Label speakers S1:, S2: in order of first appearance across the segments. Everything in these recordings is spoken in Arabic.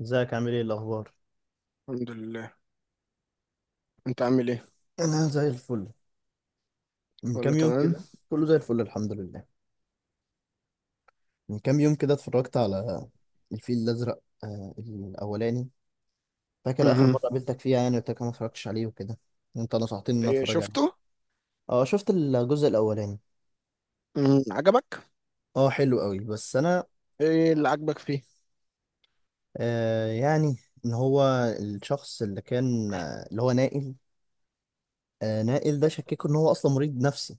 S1: ازيك، عامل ايه؟ الاخبار؟
S2: الحمد لله. انت عامل ايه؟
S1: انا زي الفل. من كام
S2: كله
S1: يوم
S2: تمام.
S1: كده، كله زي الفل، الحمد لله. من كام يوم كده اتفرجت على الفيل الازرق، الاولاني. فاكر اخر
S2: امم
S1: مره قابلتك فيها، يعني قلت لك أنا ما اتفرجتش عليه وكده. انت نصحتني ان أنا
S2: ايه
S1: اتفرج عليه.
S2: شفته؟
S1: اه، شفت الجزء الاولاني.
S2: عجبك؟
S1: اه، حلو قوي بس انا،
S2: ايه اللي عجبك فيه؟
S1: يعني ان هو الشخص اللي كان، اللي هو نائل. نائل ده شككوا ان هو اصلا مريض نفسي.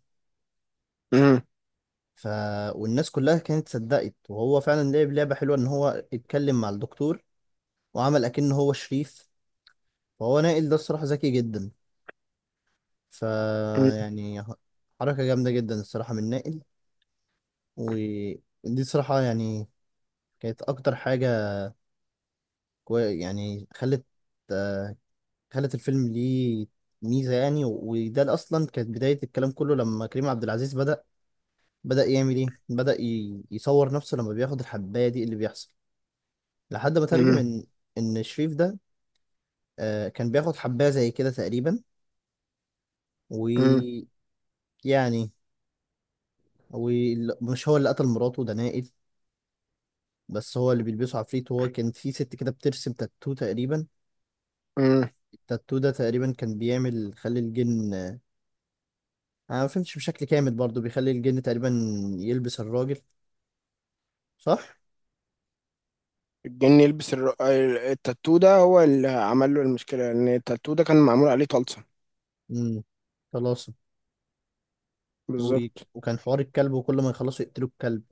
S2: امم
S1: ف والناس كلها كانت صدقت، وهو فعلا لعب لعبه حلوه ان هو اتكلم مع الدكتور وعمل اكنه هو شريف. فهو نائل ده الصراحة ذكي جدا. ف يعني حركة جامدة جدا الصراحة من نائل. ودي الصراحة يعني كانت اكتر حاجة. يعني آه، خلت الفيلم ليه ميزة، يعني وده اللي اصلا كانت بداية الكلام كله لما كريم عبد العزيز بدأ يعمل ايه، بدأ يصور نفسه لما بياخد الحباية دي اللي بيحصل، لحد ما ترجم
S2: امم
S1: ان ان شريف ده، كان بياخد حباية زي كده تقريبا،
S2: امم
S1: ويعني. ومش هو اللي قتل مراته، ده نائل. بس هو اللي بيلبسه عفريت. هو كان في ست كده بترسم تاتو تقريبا.
S2: امم
S1: التاتو ده تقريبا كان بيعمل، خلي الجن، انا ما فهمتش بشكل كامل برضو، بيخلي الجن تقريبا يلبس الراجل، صح.
S2: الجن يلبس التاتو ده هو اللي عمل له المشكله، لان التاتو ده كان معمول عليه طلسم.
S1: امم خلاص. و...
S2: بالظبط.
S1: وكان حوار الكلب، وكل ما يخلصوا يقتلوا الكلب،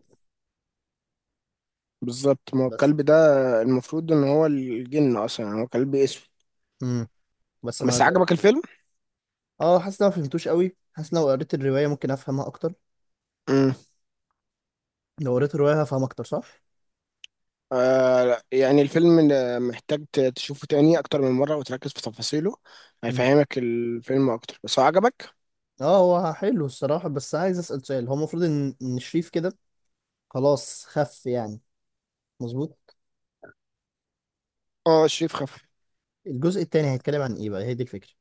S2: بالظبط، ما هو
S1: بس.
S2: الكلب ده المفروض ان هو الجن اصلا، يعني هو كلب اسود.
S1: امم بس ما
S2: بس
S1: قتلوا.
S2: عجبك الفيلم؟
S1: اه، حاسس إن أنا ما فهمتوش قوي، حاسس إن لو قريت الرواية ممكن افهمها اكتر.
S2: امم
S1: لو قريت الرواية هفهم اكتر، صح.
S2: آه لا، يعني الفيلم ده محتاج تشوفه تاني اكتر من مره وتركز في تفاصيله،
S1: امم
S2: هيفهمك الفيلم اكتر. بس هو عجبك؟
S1: اه، هو حلو الصراحة. بس عايز اسأل سؤال، هو المفروض ان إن شريف كده خلاص خف، يعني مظبوط؟
S2: اه، شريف خف.
S1: الجزء التاني هيتكلم عن ايه بقى؟ هي دي الفكرة.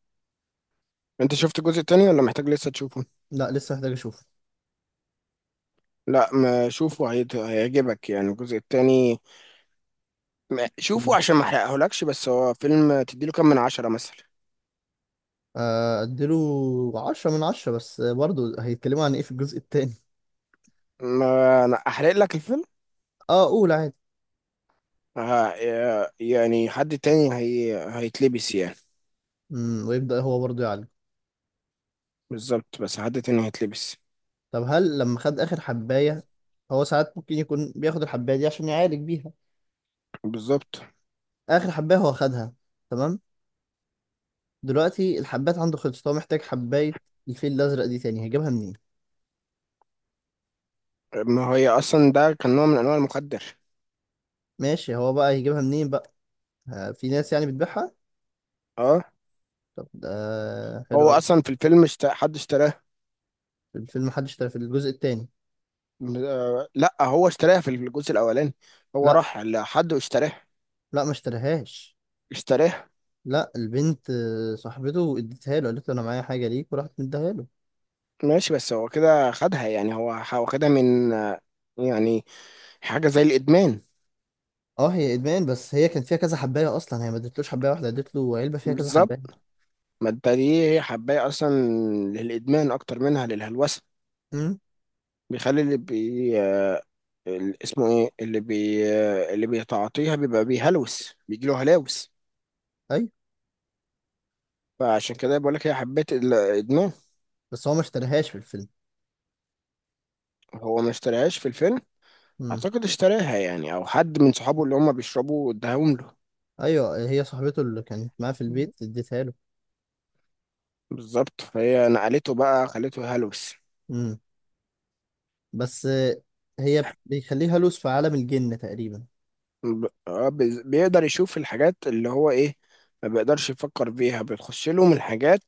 S2: انت شفت الجزء التاني ولا محتاج لسه تشوفه؟
S1: لا، لسه محتاج اشوف.
S2: لا، ما شوفه هيعجبك يعني الجزء التاني. ما- شوفه
S1: مم.
S2: عشان ما احرقهولكش. بس هو فيلم تديله كام من عشرة مثلا؟
S1: اديله 10 من 10. بس برضه هيتكلموا عن ايه في الجزء التاني؟
S2: ما انا احرق لك الفيلم.
S1: اه، قول عادي.
S2: ها؟ يعني حد تاني هي هيتلبس يعني.
S1: ويبدأ هو برضه يعالج.
S2: بالظبط، بس حد تاني هيتلبس.
S1: طب، هل لما خد اخر حباية، هو ساعات ممكن يكون بياخد الحباية دي عشان يعالج بيها؟
S2: بالظبط،
S1: اخر حباية هو خدها، تمام. دلوقتي الحبات عنده خلصت، هو محتاج حباية الفيل الازرق دي تاني، هيجيبها منين؟
S2: ما هي اصلا ده كان نوع من انواع المخدر.
S1: ماشي، هو بقى هيجيبها منين بقى؟ في ناس يعني بتبيعها.
S2: اه.
S1: طب ده حلو
S2: هو
S1: قوي.
S2: اصلا في الفيلم اشت... حد اشتراه؟
S1: الفيلم، حد اشترى في الجزء التاني؟
S2: لا، هو اشتراها في الجزء الاولاني، هو
S1: لا،
S2: راح لحد واشتراها.
S1: لا ما اشتراهاش.
S2: اشتراها.
S1: لا، البنت، صاحبته اديتها له، قالت له انا معايا حاجه ليك وراحت مديها له.
S2: ماشي، بس هو كده خدها، يعني هو هو خدها من يعني حاجة زي الإدمان.
S1: اه هي ادمان، بس هي كان فيها كذا حبايه اصلا، هي ما ادتلوش حبايه واحده، ادت له علبه فيها كذا حبايه.
S2: بالظبط، ما انت دي هي حباية أصلا للإدمان أكتر منها للهلوسة.
S1: امم،
S2: بيخلي اللي اسمه إيه اللي بي آه، اللي بيتعاطيها بيبقى بيهلوس، بيجيله هلاوس.
S1: ايوه،
S2: فعشان كده بقول لك هي حبيت الإدمان.
S1: بس هو ما اشتراهاش في الفيلم.
S2: هو ما اشتراهاش في الفيلم.
S1: امم،
S2: أعتقد اشتراها يعني، أو حد من صحابه اللي هما بيشربوا اداهم له.
S1: ايوه، هي صاحبته اللي كانت معاه في البيت اديتها له.
S2: بالظبط، فهي نقلته بقى، خلته هلوس.
S1: امم بس، هي بيخليها لوس في عالم الجن تقريبا.
S2: بيقدر يشوف الحاجات اللي هو ايه، ما بيقدرش يفكر فيها، بتخش له من الحاجات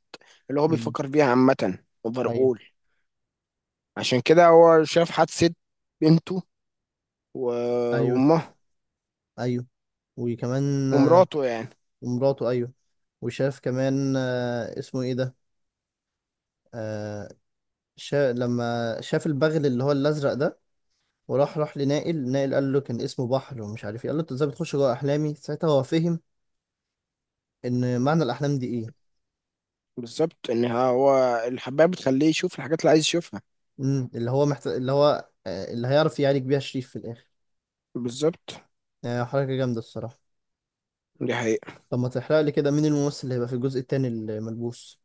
S2: اللي هو
S1: امم،
S2: بيفكر فيها عامة. اقدر
S1: ايوه،
S2: اقول عشان كده هو شاف حادثة بنته
S1: ايوه،
S2: وامه
S1: ايوه، وكمان.
S2: ومراته يعني.
S1: ومراته، ايوه. وشاف كمان، اسمه ايه ده، آه لما شاف البغل اللي هو الازرق ده. وراح لنائل. نائل قال له كان اسمه بحر، ومش عارف ايه. قال له انت ازاي بتخش جوه احلامي؟ ساعتها هو فهم ان معنى الاحلام دي ايه.
S2: بالظبط، ان هو الحباية بتخليه يشوف الحاجات اللي عايز يشوفها.
S1: اللي هو محت... اللي هو آه، اللي هيعرف يعالج بيها شريف في الاخر.
S2: بالظبط،
S1: حركه جامده الصراحه.
S2: دي حقيقة.
S1: طب، ما تحرق لي كده مين الممثل اللي هيبقى في الجزء التاني الملبوس.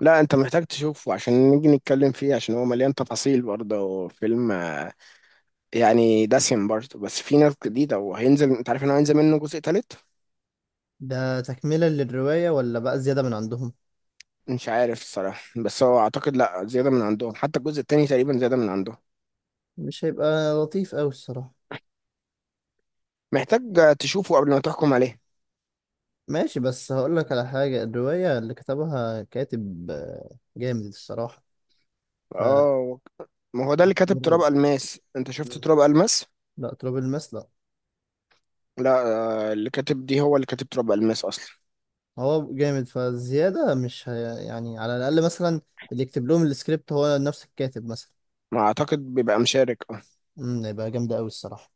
S2: لا، انت محتاج تشوفه عشان نيجي نتكلم فيه، عشان هو مليان تفاصيل برضه. فيلم يعني دسم برضه، بس في ناس جديدة. وهينزل، انت عارف انه هينزل منه جزء تالت؟
S1: ده تكمله للروايه، ولا بقى زياده من عندهم؟
S2: مش عارف الصراحة، بس هو أعتقد لأ، زيادة من عندهم. حتى الجزء التاني تقريبا زيادة من عندهم.
S1: مش هيبقى لطيف قوي الصراحه.
S2: محتاج تشوفه قبل ما تحكم عليه.
S1: ماشي. بس هقول لك على حاجة، الرواية اللي كتبها كاتب جامد الصراحة. ف
S2: اه، ما هو ده اللي كاتب تراب
S1: مراد.
S2: الماس. انت شفت
S1: مم.
S2: تراب الماس؟
S1: لا، تراب الماس لا.
S2: لا، اللي كاتب دي هو اللي كاتب تراب الماس اصلا.
S1: هو جامد، فزيادة مش يعني على الأقل مثلا، اللي يكتب لهم السكريبت هو نفس الكاتب مثلا.
S2: ما اعتقد بيبقى مشارك، اه.
S1: هيبقى جامدة أوي الصراحة.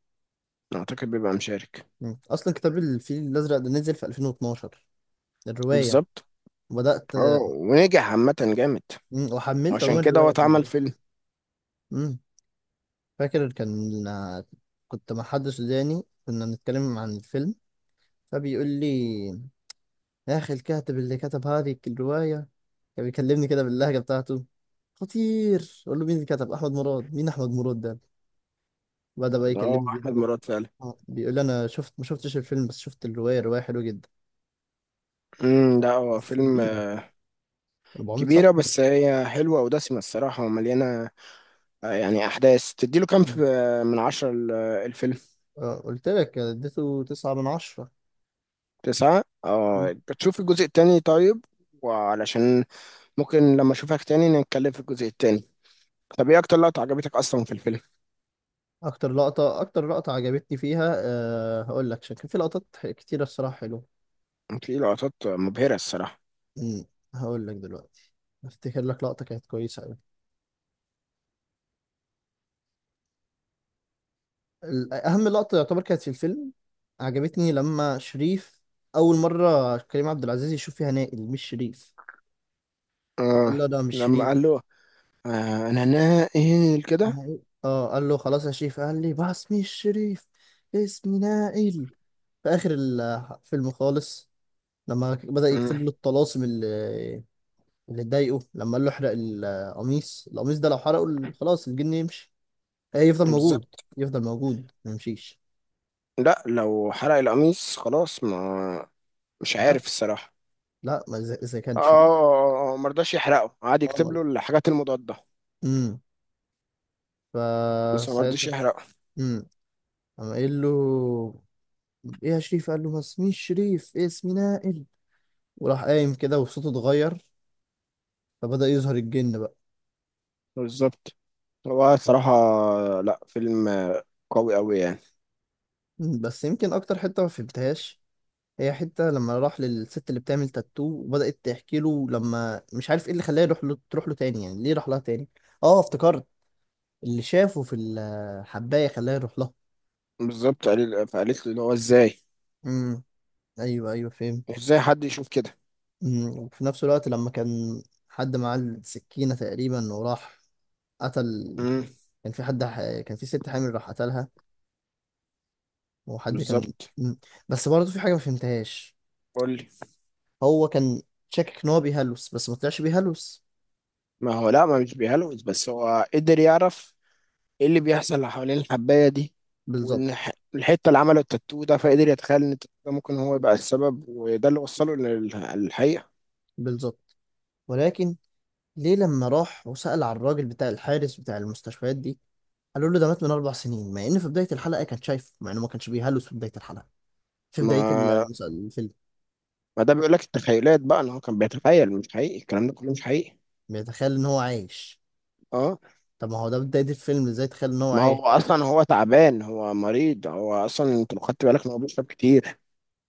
S2: اعتقد بيبقى مشارك.
S1: مم. أصلا كتاب الفيل الأزرق ده نزل في 2012، الرواية.
S2: بالظبط.
S1: وبدأت.
S2: اه، ونجح عامة جامد.
S1: مم. وحملت
S2: عشان
S1: عموما
S2: كده هو
S1: الرواية عشان
S2: اتعمل
S1: أقرأها.
S2: فيلم.
S1: مم. فاكر كان كنت مع حد سوداني، كنا بنتكلم عن الفيلم، فبيقول لي: يا أخي، الكاتب اللي كتب هذه الرواية، كان بيكلمني كده باللهجة بتاعته: خطير. أقول له: مين اللي كتب؟ أحمد مراد. مين أحمد مراد ده؟ بدأ بقى
S2: اه،
S1: يكلمني،
S2: احمد مراد فعلا.
S1: بيقول لي أنا شفت، ما شفتش الفيلم بس شفت الرواية، الرواية حلوة جدا،
S2: ده هو
S1: بس
S2: فيلم
S1: كبيرة، 400
S2: كبيرة،
S1: صفحة.
S2: بس هي حلوة ودسمة الصراحة ومليانة يعني أحداث. تديله كام
S1: مم.
S2: في من عشرة الفيلم؟
S1: قلت لك اديته 9 من 10.
S2: تسعة،
S1: مم.
S2: اه. بتشوف الجزء التاني طيب، وعلشان ممكن لما أشوفك تاني نتكلم في الجزء التاني. طب إيه أكتر لقطة عجبتك أصلا في الفيلم؟
S1: أكتر لقطة عجبتني فيها، هقول لك عشان كان في لقطات كتيرة الصراحة حلوة.
S2: في لقطات مبهرة الصراحة.
S1: مم. هقول لك دلوقتي، أفتكر لك لقطة كانت كويسة أوي. أهم لقطة يعتبر كانت في الفيلم، عجبتني لما شريف أول مرة كريم عبد العزيز يشوف فيها نائل مش شريف. وقال
S2: اه،
S1: له ده مش
S2: لما
S1: شريف.
S2: قال له آه، أنا ناقل كده.
S1: أنا إيه؟ اه، قال له خلاص يا شريف، قال لي بس مش شريف، اسمي نائل. في آخر الفيلم خالص، لما بدأ
S2: مم،
S1: يكتب له الطلاسم اللي اتضايقه، لما قال له احرق القميص. القميص ده لو حرقه، خلاص الجن يمشي. إيه، يفضل موجود.
S2: بالظبط.
S1: يفضل موجود ما يمشيش.
S2: لا، لو حرق القميص خلاص ما، مش
S1: لا،
S2: عارف الصراحة.
S1: لا، ما إذا
S2: اه،
S1: كان شريف.
S2: مرضاش يحرقه، قعد يكتب له الحاجات المضادة.
S1: امم
S2: بس ما رضيش
S1: فساعتها،
S2: يحرقه.
S1: امم قام قايل له: ايه يا شريف؟ قال له: ما اسميش شريف، إيه اسمي نائل. وراح قايم كده، وصوته اتغير، فبدأ يظهر الجن بقى.
S2: بالظبط، هو الصراحة لا، فيلم قوي قوي يعني.
S1: بس يمكن اكتر حتة ما فهمتهاش، هي حتة لما راح للست اللي بتعمل تاتو وبدأت تحكي له، لما مش عارف ايه اللي خلاه يروح له تروح له تاني، يعني ليه راح لها تاني. اه افتكرت، اللي شافه في الحباية خلاه يروح لها.
S2: بالظبط، قال- فقالت لي اللي هو ازاي،
S1: امم، ايوه، ايوه، فهمت.
S2: ازاي حد يشوف كده.
S1: وفي نفس الوقت، لما كان حد معاه السكينة تقريبا وراح قتل،
S2: امم،
S1: كان في حد كان في ست حامل راح قتلها. وحد كان
S2: بالظبط.
S1: مم. بس برضه في حاجة ما فهمتهاش.
S2: قول لي.
S1: هو كان شاكك إن هو بيهلوس، بس ما طلعش بيهلوس.
S2: ما هو لا، ما مش بيهلوس، بس هو قدر يعرف ايه اللي بيحصل حوالين الحباية دي. وان
S1: بالظبط.
S2: الحتة اللي عمله التاتو ده، فقدر يتخيل ان التاتو ده ممكن هو يبقى السبب، وده اللي وصله للحقيقة.
S1: بالظبط. ولكن ليه لما راح وسأل على الراجل بتاع الحارس بتاع المستشفيات دي، قالوا له ده مات من 4 سنين، مع إن في بداية الحلقة كان شايفه، مع إنه ما كانش بيهلوس في بداية الحلقة، في بداية
S2: ما
S1: الفيلم.
S2: ما ده بيقول لك التخيلات بقى، ان هو كان بيتخيل. مش حقيقي الكلام ده كله، مش حقيقي.
S1: بيتخيل إن هو عايش.
S2: اه،
S1: طب ما هو ده بداية الفيلم، إزاي تخيل إن هو
S2: ما
S1: عايش؟
S2: هو اصلا هو تعبان، هو مريض. هو اصلا انت لو خدت بالك ان هو بيشرب كتير،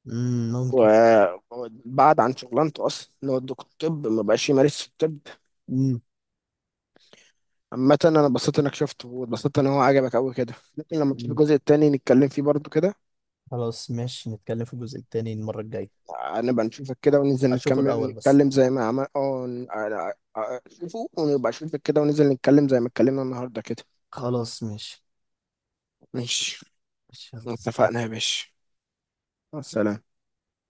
S1: مم، ممكن.
S2: وبعد عن شغلانته اصلا، ان هو دكتور طب ما بقاش يمارس الطب.
S1: مم.
S2: عامة انا اتبسطت انك شفته، واتبسطت ان هو عجبك قوي كده. ممكن لما تشوف
S1: مم.
S2: الجزء التاني نتكلم فيه برضو كده.
S1: خلاص، ماشي، نتكلم في الجزء التاني المرة الجاية.
S2: نبقى نشوفك كده وننزل
S1: اشوفه
S2: نكمل
S1: الاول بس.
S2: نتكلم زي ما عمل اه، شوفه، ونبقى نشوفك كده وننزل نتكلم زي ما اتكلمنا النهارده كده.
S1: خلاص، ماشي.
S2: ماشي.
S1: ماشي، يلا
S2: اتفقنا يا
S1: سلام.
S2: باشا، مع السلامة.